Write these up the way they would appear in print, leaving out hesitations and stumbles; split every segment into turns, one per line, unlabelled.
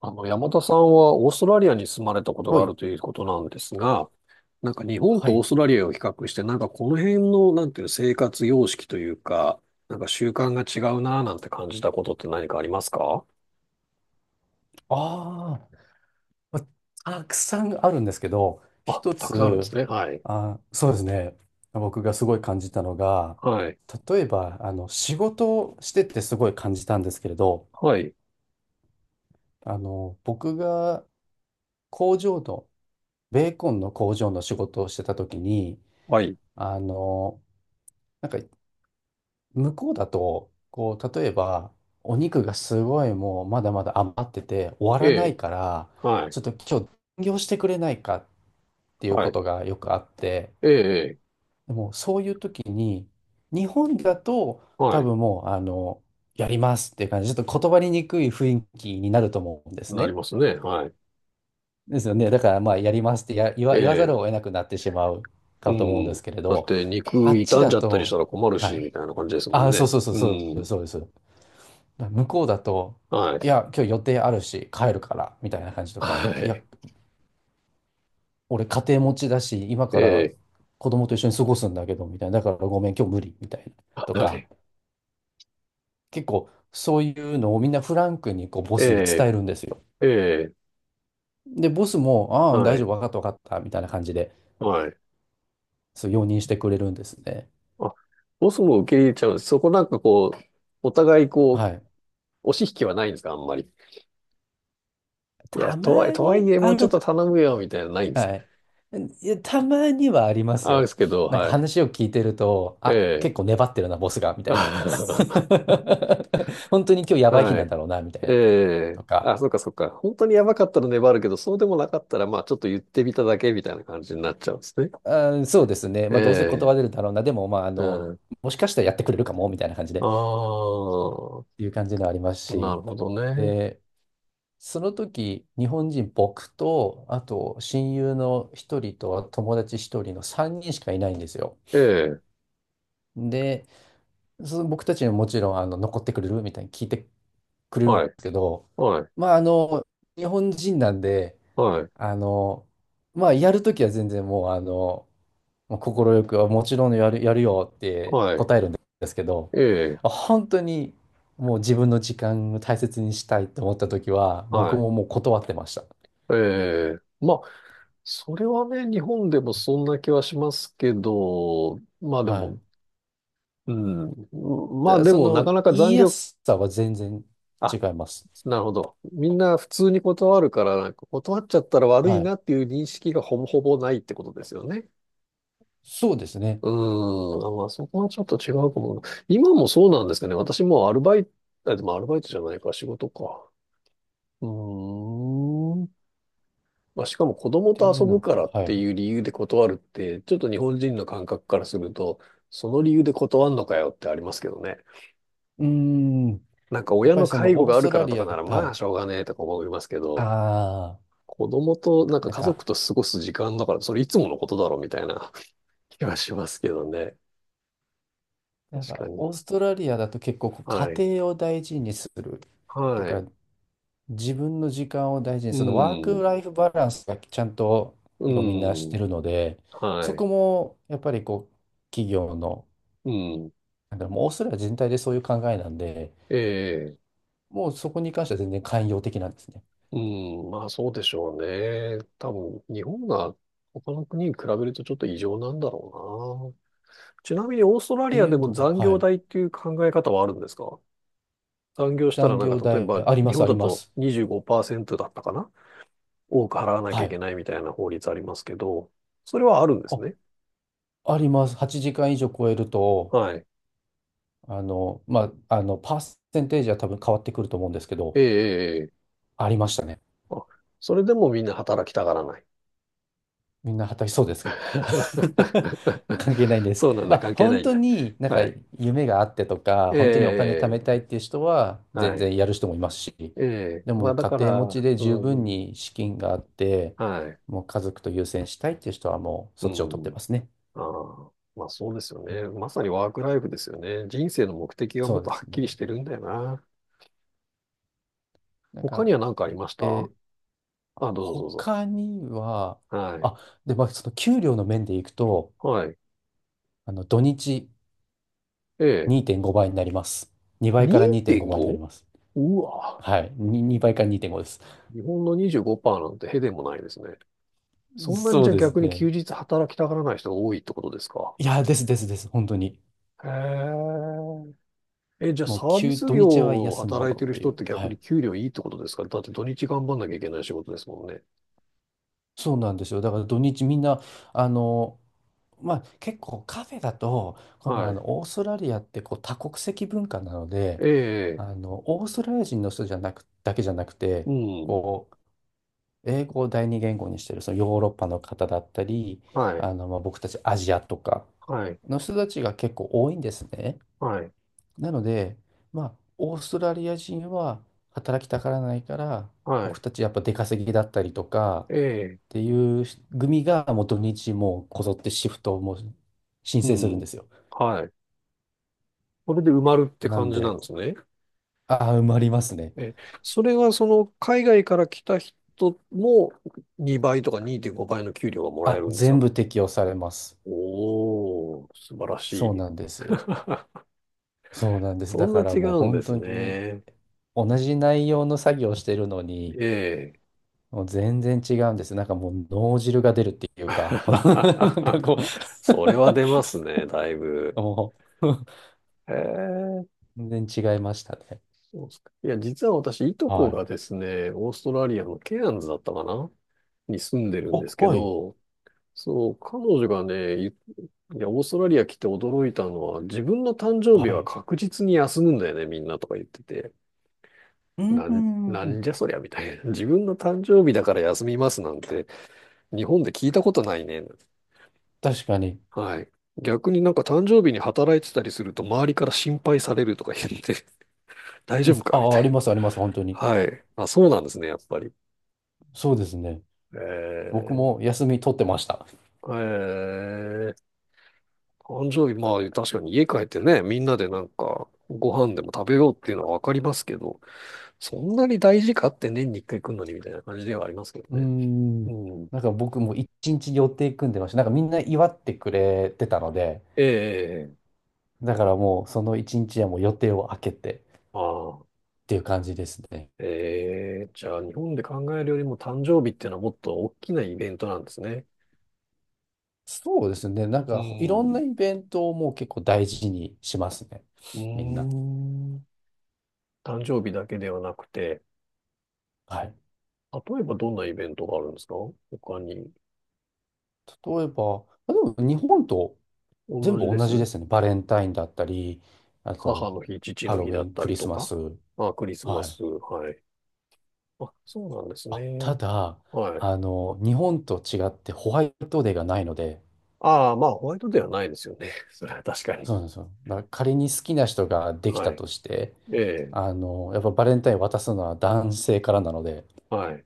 山田さんはオーストラリアに住まれたこと
は
があ
い。
るということなんですが、なんか日本
は
とオー
い。
ストラリアを比較して、なんかこの辺の、なんていう生活様式というか、なんか習慣が違うなぁなんて感じたことって何かありますか？
ああ、またくさんあるんですけど、
あ、
一
たくさんあるんで
つ、
すね。はい。
そうですね。僕がすごい感じたのが、
はい。
例えば、仕事をしててすごい感じたんですけれど、
はい。
僕が工場の、ベーコンの工場の仕事をしてた時に、
はい。
あの、なんか、向こうだと、こう、例えば、お肉がすごいもうまだまだ余ってて終わ
え
らない
え。
から、
は
ち
い。
ょっと今日残業してくれないかっていう
は
こ
い。
とがよくあって、
ええ。ええ、
でもそういう時に、日本だと
は
多
い。
分もう、やりますっていう感じ、ちょっと言葉ににくい雰囲気になると思うんです
なり
ね。
ますね。はい。
ですよね。だからまあ、やりますってや、言
え
わ、言わざる
え。
を得なくなってしまう
う
かと思うん
ん。
ですけれ
だっ
ど、
て
あ
肉
っち
傷ん
だ
じゃったりした
と、
ら困る
は
し、
い。
みたいな感じですもん
あ、そ
ね。
うそうそう
う
そう、
ん。
そうです。向こうだと、
は
い
い。
や、今日予定あるし、帰るから、みたいな感じとか、
は
いや、
い。
俺家庭持ちだし、今
え
から
え。
子供と一緒に過ごすんだけど、みたいな。だからごめん、今日無理、みたいな。
は
とか、
い。
結構そういうのをみんなフランクにこうボ
え
スに伝えるんですよ。
え、ええ、
で、ボスも、ああ、
は
大丈
い、
夫、わかった、わかった、みたいな感じで、
はい。
そう、容認してくれるんですね。
あ、ボスも受け入れちゃうんです。そこなんかこう、お互いこ
は
う、
い。
押し引きはないんですか、あんまり。いや、
たま
とはいえ、とは
に
いえ、も
あ
うちょっ
る。
と頼むよ、みたいなのないんですか。
はい。いや、たまにはあります
あ、で
よ。
すけど、
なんか
はい。
話を聞いてると、
え
あ、
え。
結構粘ってるな、ボスが、みたいな。本当に今日やばい日
は
なん
い。
だろうな、みたい
え
な。
え。
とか。
あ、そっかそっか。本当にやばかったら粘るけど、そうでもなかったら、まあ、ちょっと言ってみただけみたいな感じになっちゃうんですね。
あー、そうですね。
え
まあ、どうせ
え。
断れるだろうな。でも、まあ、
うん。
もしかしたらやってくれるかも、みたいな感じで、
あ
ていう感じのあります
あ、な
し。
るほどね。
で、その時、日本人、僕と、あと、親友の一人と、友達一人の3人しかいないんですよ。
ええ。
で、その僕たちにももちろん、残ってくれるみたいに聞いてくれるん
は
で
い。
すけど、
はい。
まあ、日本人なんで、
はい。
あの、まあ、やるときは全然もう、快く、あもちろんやるよって、
はい。
ですけど、
ええ、
あ本当にもう自分の時間を大切にしたいと思った時は、
は
僕
い。
ももう断ってました。
ええ、まあ、それはね、日本でもそんな気はしますけど、まあで
は
も、
い。
うん、まあ
で、
で
そ
も、な
の
かなか
言
残
いや
業、
すさは全然違
あ、
います。
なるほど。みんな普通に断るから、なんか断っちゃったら悪
は
い
い。
なっていう認識がほぼほぼないってことですよね。
そうですね。っ
うーん、あ、まあそこはちょっと違うかも。今もそうなんですかね？私もうアルバイト、あ、でもアルバイトじゃないか、仕事か。うーん。まあ、しかも子供
て
と
いう
遊ぶ
の
からっ
が、は
て
い。
いう理由で断るって、ちょっと日本人の感覚からすると、その理由で断んのかよってありますけどね。
うーん。
なんか
やっ
親
ぱり
の
そ
介
の
護
オー
があ
ス
る
ト
か
ラ
らと
リ
か
ア、
なら
は
まあし
い。
ょうがねえとか思いますけど、
ああ、
子供となんか
なん
家族
か、
と過ごす時間だからそれいつものことだろうみたいな 気がしますけどね。
なん
確
か
かに。
オーストラリアだと結構こう
は
家
い。
庭を大事にすると
は
か、
い。
自分の時間を大事に、
う
そのワーク
ん。
ライフバランスがちゃんと
う
結構みんなし
ん。
てるので、
は
そ
い。
こもやっぱりこう、企業の、
うん。
なんだろう、もうオーストラリア全体でそういう考えなんで、
ええ、
もうそこに関しては全然寛容的なんですね。っ
うん、まあそうでしょうね。多分、日本が他の国に比べるとちょっと異常なんだろうな。ちなみにオーストラ
て
リア
い
で
う
も
のは、
残
は
業
い。
代っていう考え方はあるんですか？残業したら
残
なんか
業
例え
代、
ば
ありま
日
す、
本
あり
だ
ま
と
す。
25%だったかな、多く払わなきゃ
は
いけ
い。
ないみたいな法律ありますけど、それはあるんです
あ、
ね。
あります。8時間以上超えると、
はい。
パーセンテージは多分変わってくると思うんですけど、
ええ、ええ、ええ、
ありましたね。
あ、それでもみんな働きたがらない。
みんな働きそうです。 関係ないん です。
そうなん
ま
だ、
あ、
関係な
本
いん
当
だ。
になんか
はい。
夢があってとか、
ええ、
本当にお金
え
貯
え、
め
え
たいっていう人は
え、は
全
い。
然やる人もいますし、
ええ、
で
まあ
も
だ
家
か
庭持ち
ら、
で十
う
分
ん、
に資金があって、
はい、
もう家族と優先したいっていう人はもう
う
そっちを取ってま
ん、
すね。
ああ、まあそうですよね。まさにワークライフですよね。人生の目的が
そ
もっ
う
と
で
は
す
っきりし
ね。
てるんだよな。
なん
他に
か、
は何かありました？
で、
あ、どうぞどうぞ。
他には、
はい、
あ、で、まあ、その給料の面でいくと、
はい、
土日
ええ、
2.5倍になります。2倍から2.5倍になり
2.5？
ます。
うわ、
はい。に2倍から2.5です。
日本の25%なんてへでもないですね。そんなに
そ
じ
う
ゃあ
です
逆に休
ね。
日働きたがらない人が多いってことですか？
いや、ですですです、本当に。
へえ。え、じゃあ
も
サ
う、
ービス
土
業
日は
を
休むも
働い
のっ
てる
てい
人っ
う。
て
は
逆に
い。
給料いいってことですか？だって土日頑張んなきゃいけない仕事ですもんね。
そうなんですよ。だから土日みんな、あの、まあ、結構カフェだと、この、
は
あ
い。
の、オーストラリアってこう多国籍文化なので、
ええ、
オーストラリア人の人じゃなく、だけじゃなくて、
うん。
こう、英語を第二言語にしてる、そのヨーロッパの方だったり、
はい。
まあ、僕たちアジアとか
はい。
の人たちが結構多いんですね。
はい。
なので、まあ、オーストラリア人は働きたがらないから、
は
僕
い。
たちやっぱ出稼ぎだったりとか
ええ、
ていう組がもう土日もうこぞってシフトをもう申
う
請するん
ん。
ですよ。
はい。それで埋まるって
な
感
ん
じなん
で、
ですね。
ああ、埋まりますね。
え、それはその海外から来た人も2倍とか2.5倍の給料がもらえ
あ、
るんです
全
か？
部適用されます。
おー、素晴らし
そうなん
い。
ですよ。そうなんです。
そ
だ
んな
から
違
もう
うんで
本
す
当に
ね。
同じ内容の作業をしてるのに、
ええ。
もう全然違うんです。なんかもう脳汁が出るっていうか、この なんかこ
それは出ますね、だい
う
ぶ。
もう
へえ、
全然違いましたね。
そうですか。いや、実は私、いとこ
はい。
がですね、オーストラリアのケアンズだったかなに住んでるんで
お、
すけ
はい。
ど、そう、彼女がね、いいや、オーストラリア来て驚いたのは、自分の誕生日
は
は
い。
確実に休むんだよね、みんなとか言ってて。
うん、
なん、な
う
ん
ん
じゃそりゃ、みたいな。自分の誕生日だから休みますなんて、日本で聞いたことないね。
確かに。
はい。逆になんか誕生日に働いてたりすると周りから心配されるとか言って 大
う
丈
ん。
夫かみ
あ、
た
あ
い
り
な。
ます、あります、本当に。
はい。あ、そうなんですね、やっぱり。
そうですね。
え
僕
ー、
も休み取ってました。
えー、誕生日、まあ確かに家帰ってね、みんなでなんかご飯でも食べようっていうのはわかりますけど、そんなに大事かって年に一回来るのにみたいな感じではありますけ
うー
どね。う
ん。
ん。
なんか僕も一日予定組んでました。なんかみんな祝ってくれてたので、
ええ、
だからもうその一日はもう予定を空けて
ああ、
ていう感じですね。
ええ、じゃあ日本で考えるよりも誕生日っていうのはもっと大きなイベントなんですね。
そうですね。なん
う
かいろんな
ん。
イベントをもう結構大事にしますね。
うー
みんな。
ん。誕生日だけではなくて、
はい。
例えばどんなイベントがあるんですか、他に？
例えば、まあでも日本と全
同
部
じで
同じで
す。
すね。バレンタインだったり、あ
母
と、
の日、父
ハ
の
ロウ
日だ
ィ
っ
ン、
た
ク
り
リス
と
マ
か。
ス。
あ、クリスマ
はい。
ス。はい。あ、そうなんです
あ、た
ね。
だ、
はい。
日本と違ってホワイトデーがないので、
ああ、まあ、ホワイトではないですよね。それは確かに。
そうなんですよ。だから仮に好きな人ができ
は
た
い。
として、
ええ。
やっぱバレンタイン渡すのは男性からなので、
はい。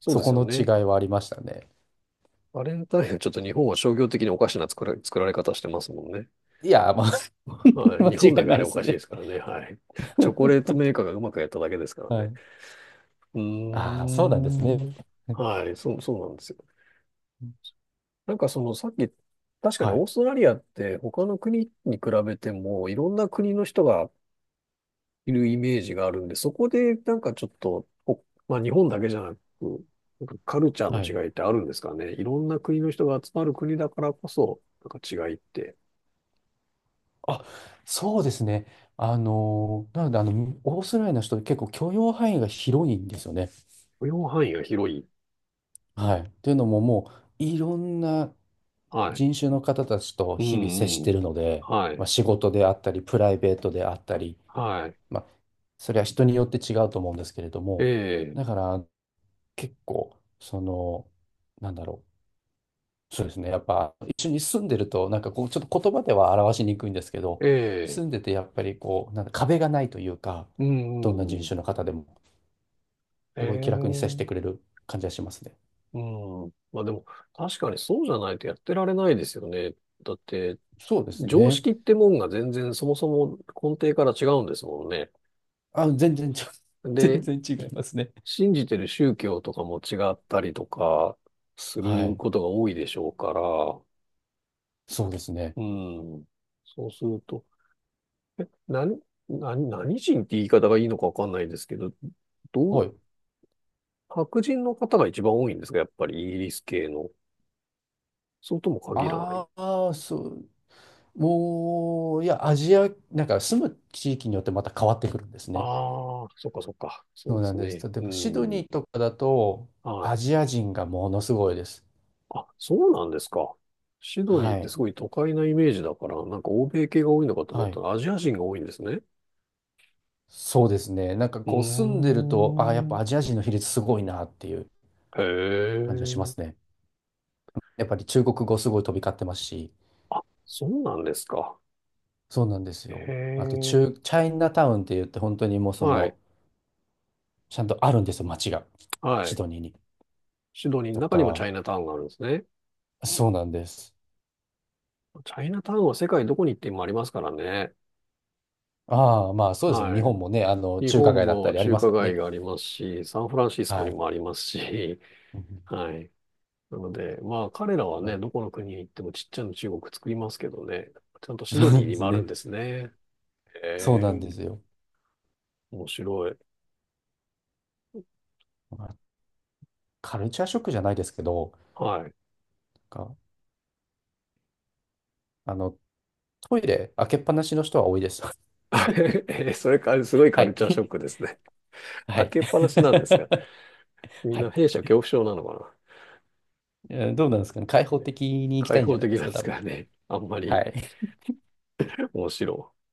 そう
そ
です
こ
よ
の違
ね。
いはありましたね。
バレンタインはちょっと日本は商業的におかしな作られ方してますもんね。
いや、まあ、
はい。
間
日本
違
だ
い
け
な
あ
い
れ
で
お
す
かしいで
ね。
すからね。はい。チョコレート メーカーがうまくやっただけですから
は
ね。
い。
うー
ああ、そうなんです
ん。
ね。
はい、そう、そうなんですよ。なんかそのさっき、確かに
は
オー
い。
ストラリアって他の国に比べてもいろんな国の人がいるイメージがあるんで、そこでなんかちょっと、お、まあ日本だけじゃなく、なんかカルチャ
は
ー
い。
の違いってあるんですかね？いろんな国の人が集まる国だからこそ、なんか違いって、
あ、そうですね。なので、オーストラリアの人って結構許容範囲が広いんですよね。
許容範囲が広い。
はい。っていうのももう、いろんな
はい。
人種の方たちと
う
日々接し
んう
て
ん。
るので、
は
まあ、
い。
仕事であったり、プライベートであったり、
はい。
まあ、それは人によって違うと思うんですけれど
え
も、
え、
だから結構、その、なんだろう。そうですね。やっぱ一緒に住んでると、なんかこう、ちょっと言葉では表しにくいんですけど、
ええ、
住んでてやっぱりこう、なんか壁がないというか、
うんう
どんな人
んうん。
種の方でも、
え
すごい気楽に接してくれ
え。
る感じがしますね。
うん。まあでも、確かにそうじゃないとやってられないですよね。だって、
そうです
常
ね。
識ってもんが全然そもそも根底から違うんですもんね。
あ、全然ちょ、全
で、
然違いますね。
信じてる宗教とかも違ったりとかす
は
る
い。
ことが多いでしょうから、
そうですね。
うん。そうすると、え、何、何、何人って言い方がいいのかわかんないですけど、ど
は
う、
い。
白人の方が一番多いんですか、やっぱりイギリス系の？そうとも限らない。
ああ、そう。もう、いや、アジア、なんか住む地域によってまた変わってくるんですね。
ああ、そっかそっか。そう
そう
で
な
す
んで
ね。
す。例え
う
ば、シド
ん。
ニーとかだと、
は
ア
い。
ジア人がものすごいです。
あ、そうなんですか。シドニーっ
は
てす
い。
ごい都会なイメージだから、なんか欧米系が多いのかと思
は
った
い。
らアジア人が多いんですね。
そうですね。なんか
うー
こう住んでると、ああ、やっぱア
ん。
ジア人の比率すごいなっていう
へ
感じがしま
え。
すね。やっぱり中国語すごい飛び交ってますし、
あ、そうなんですか。
そうなんです
へ
よ。あと
え。
中、チャイナタウンって言って本当にもうそ
はい。
の、ちゃんとあるんですよ、街が。
は
シ
い。
ドニーに。
シドニーの
と
中にもチャ
か、
イナタウンがあるんですね。
そうなんです。
チャイナタウンは世界どこに行ってもありますからね。
ああ、まあそうですね。
は
日
い。
本もね、
日
中華
本
街だった
も
りあり
中
ます
華
から
街
ね。
がありますし、サンフランシスコ
は
に
い。
もありますし、
うん
はい。なので、まあ彼らはね、どこ の国に行ってもちっちゃな中国作りますけどね、ちゃんとシド
そ
ニー
うで
に
す
もあるん
ね。
ですね。
そう
え
なんで
え、
すよ。
面白い。
まあカルチャーショックじゃないですけど、
はい。
なんかあの、トイレ開けっぱなしの人は多いです。
えー、それからすごいカ
は
ルチャーショッ
い。
クですね。
は
開
い。
けっぱなしなんですが、みん
は
な
い。
弊社恐怖症なのか
えーどうなんですかね。開
な。
放
ね、
的に行きた
開
いんじ
放
ゃない
的
です
なん
か、
で
多
すか
分。
らね、あんま
は
り
い。
面白い。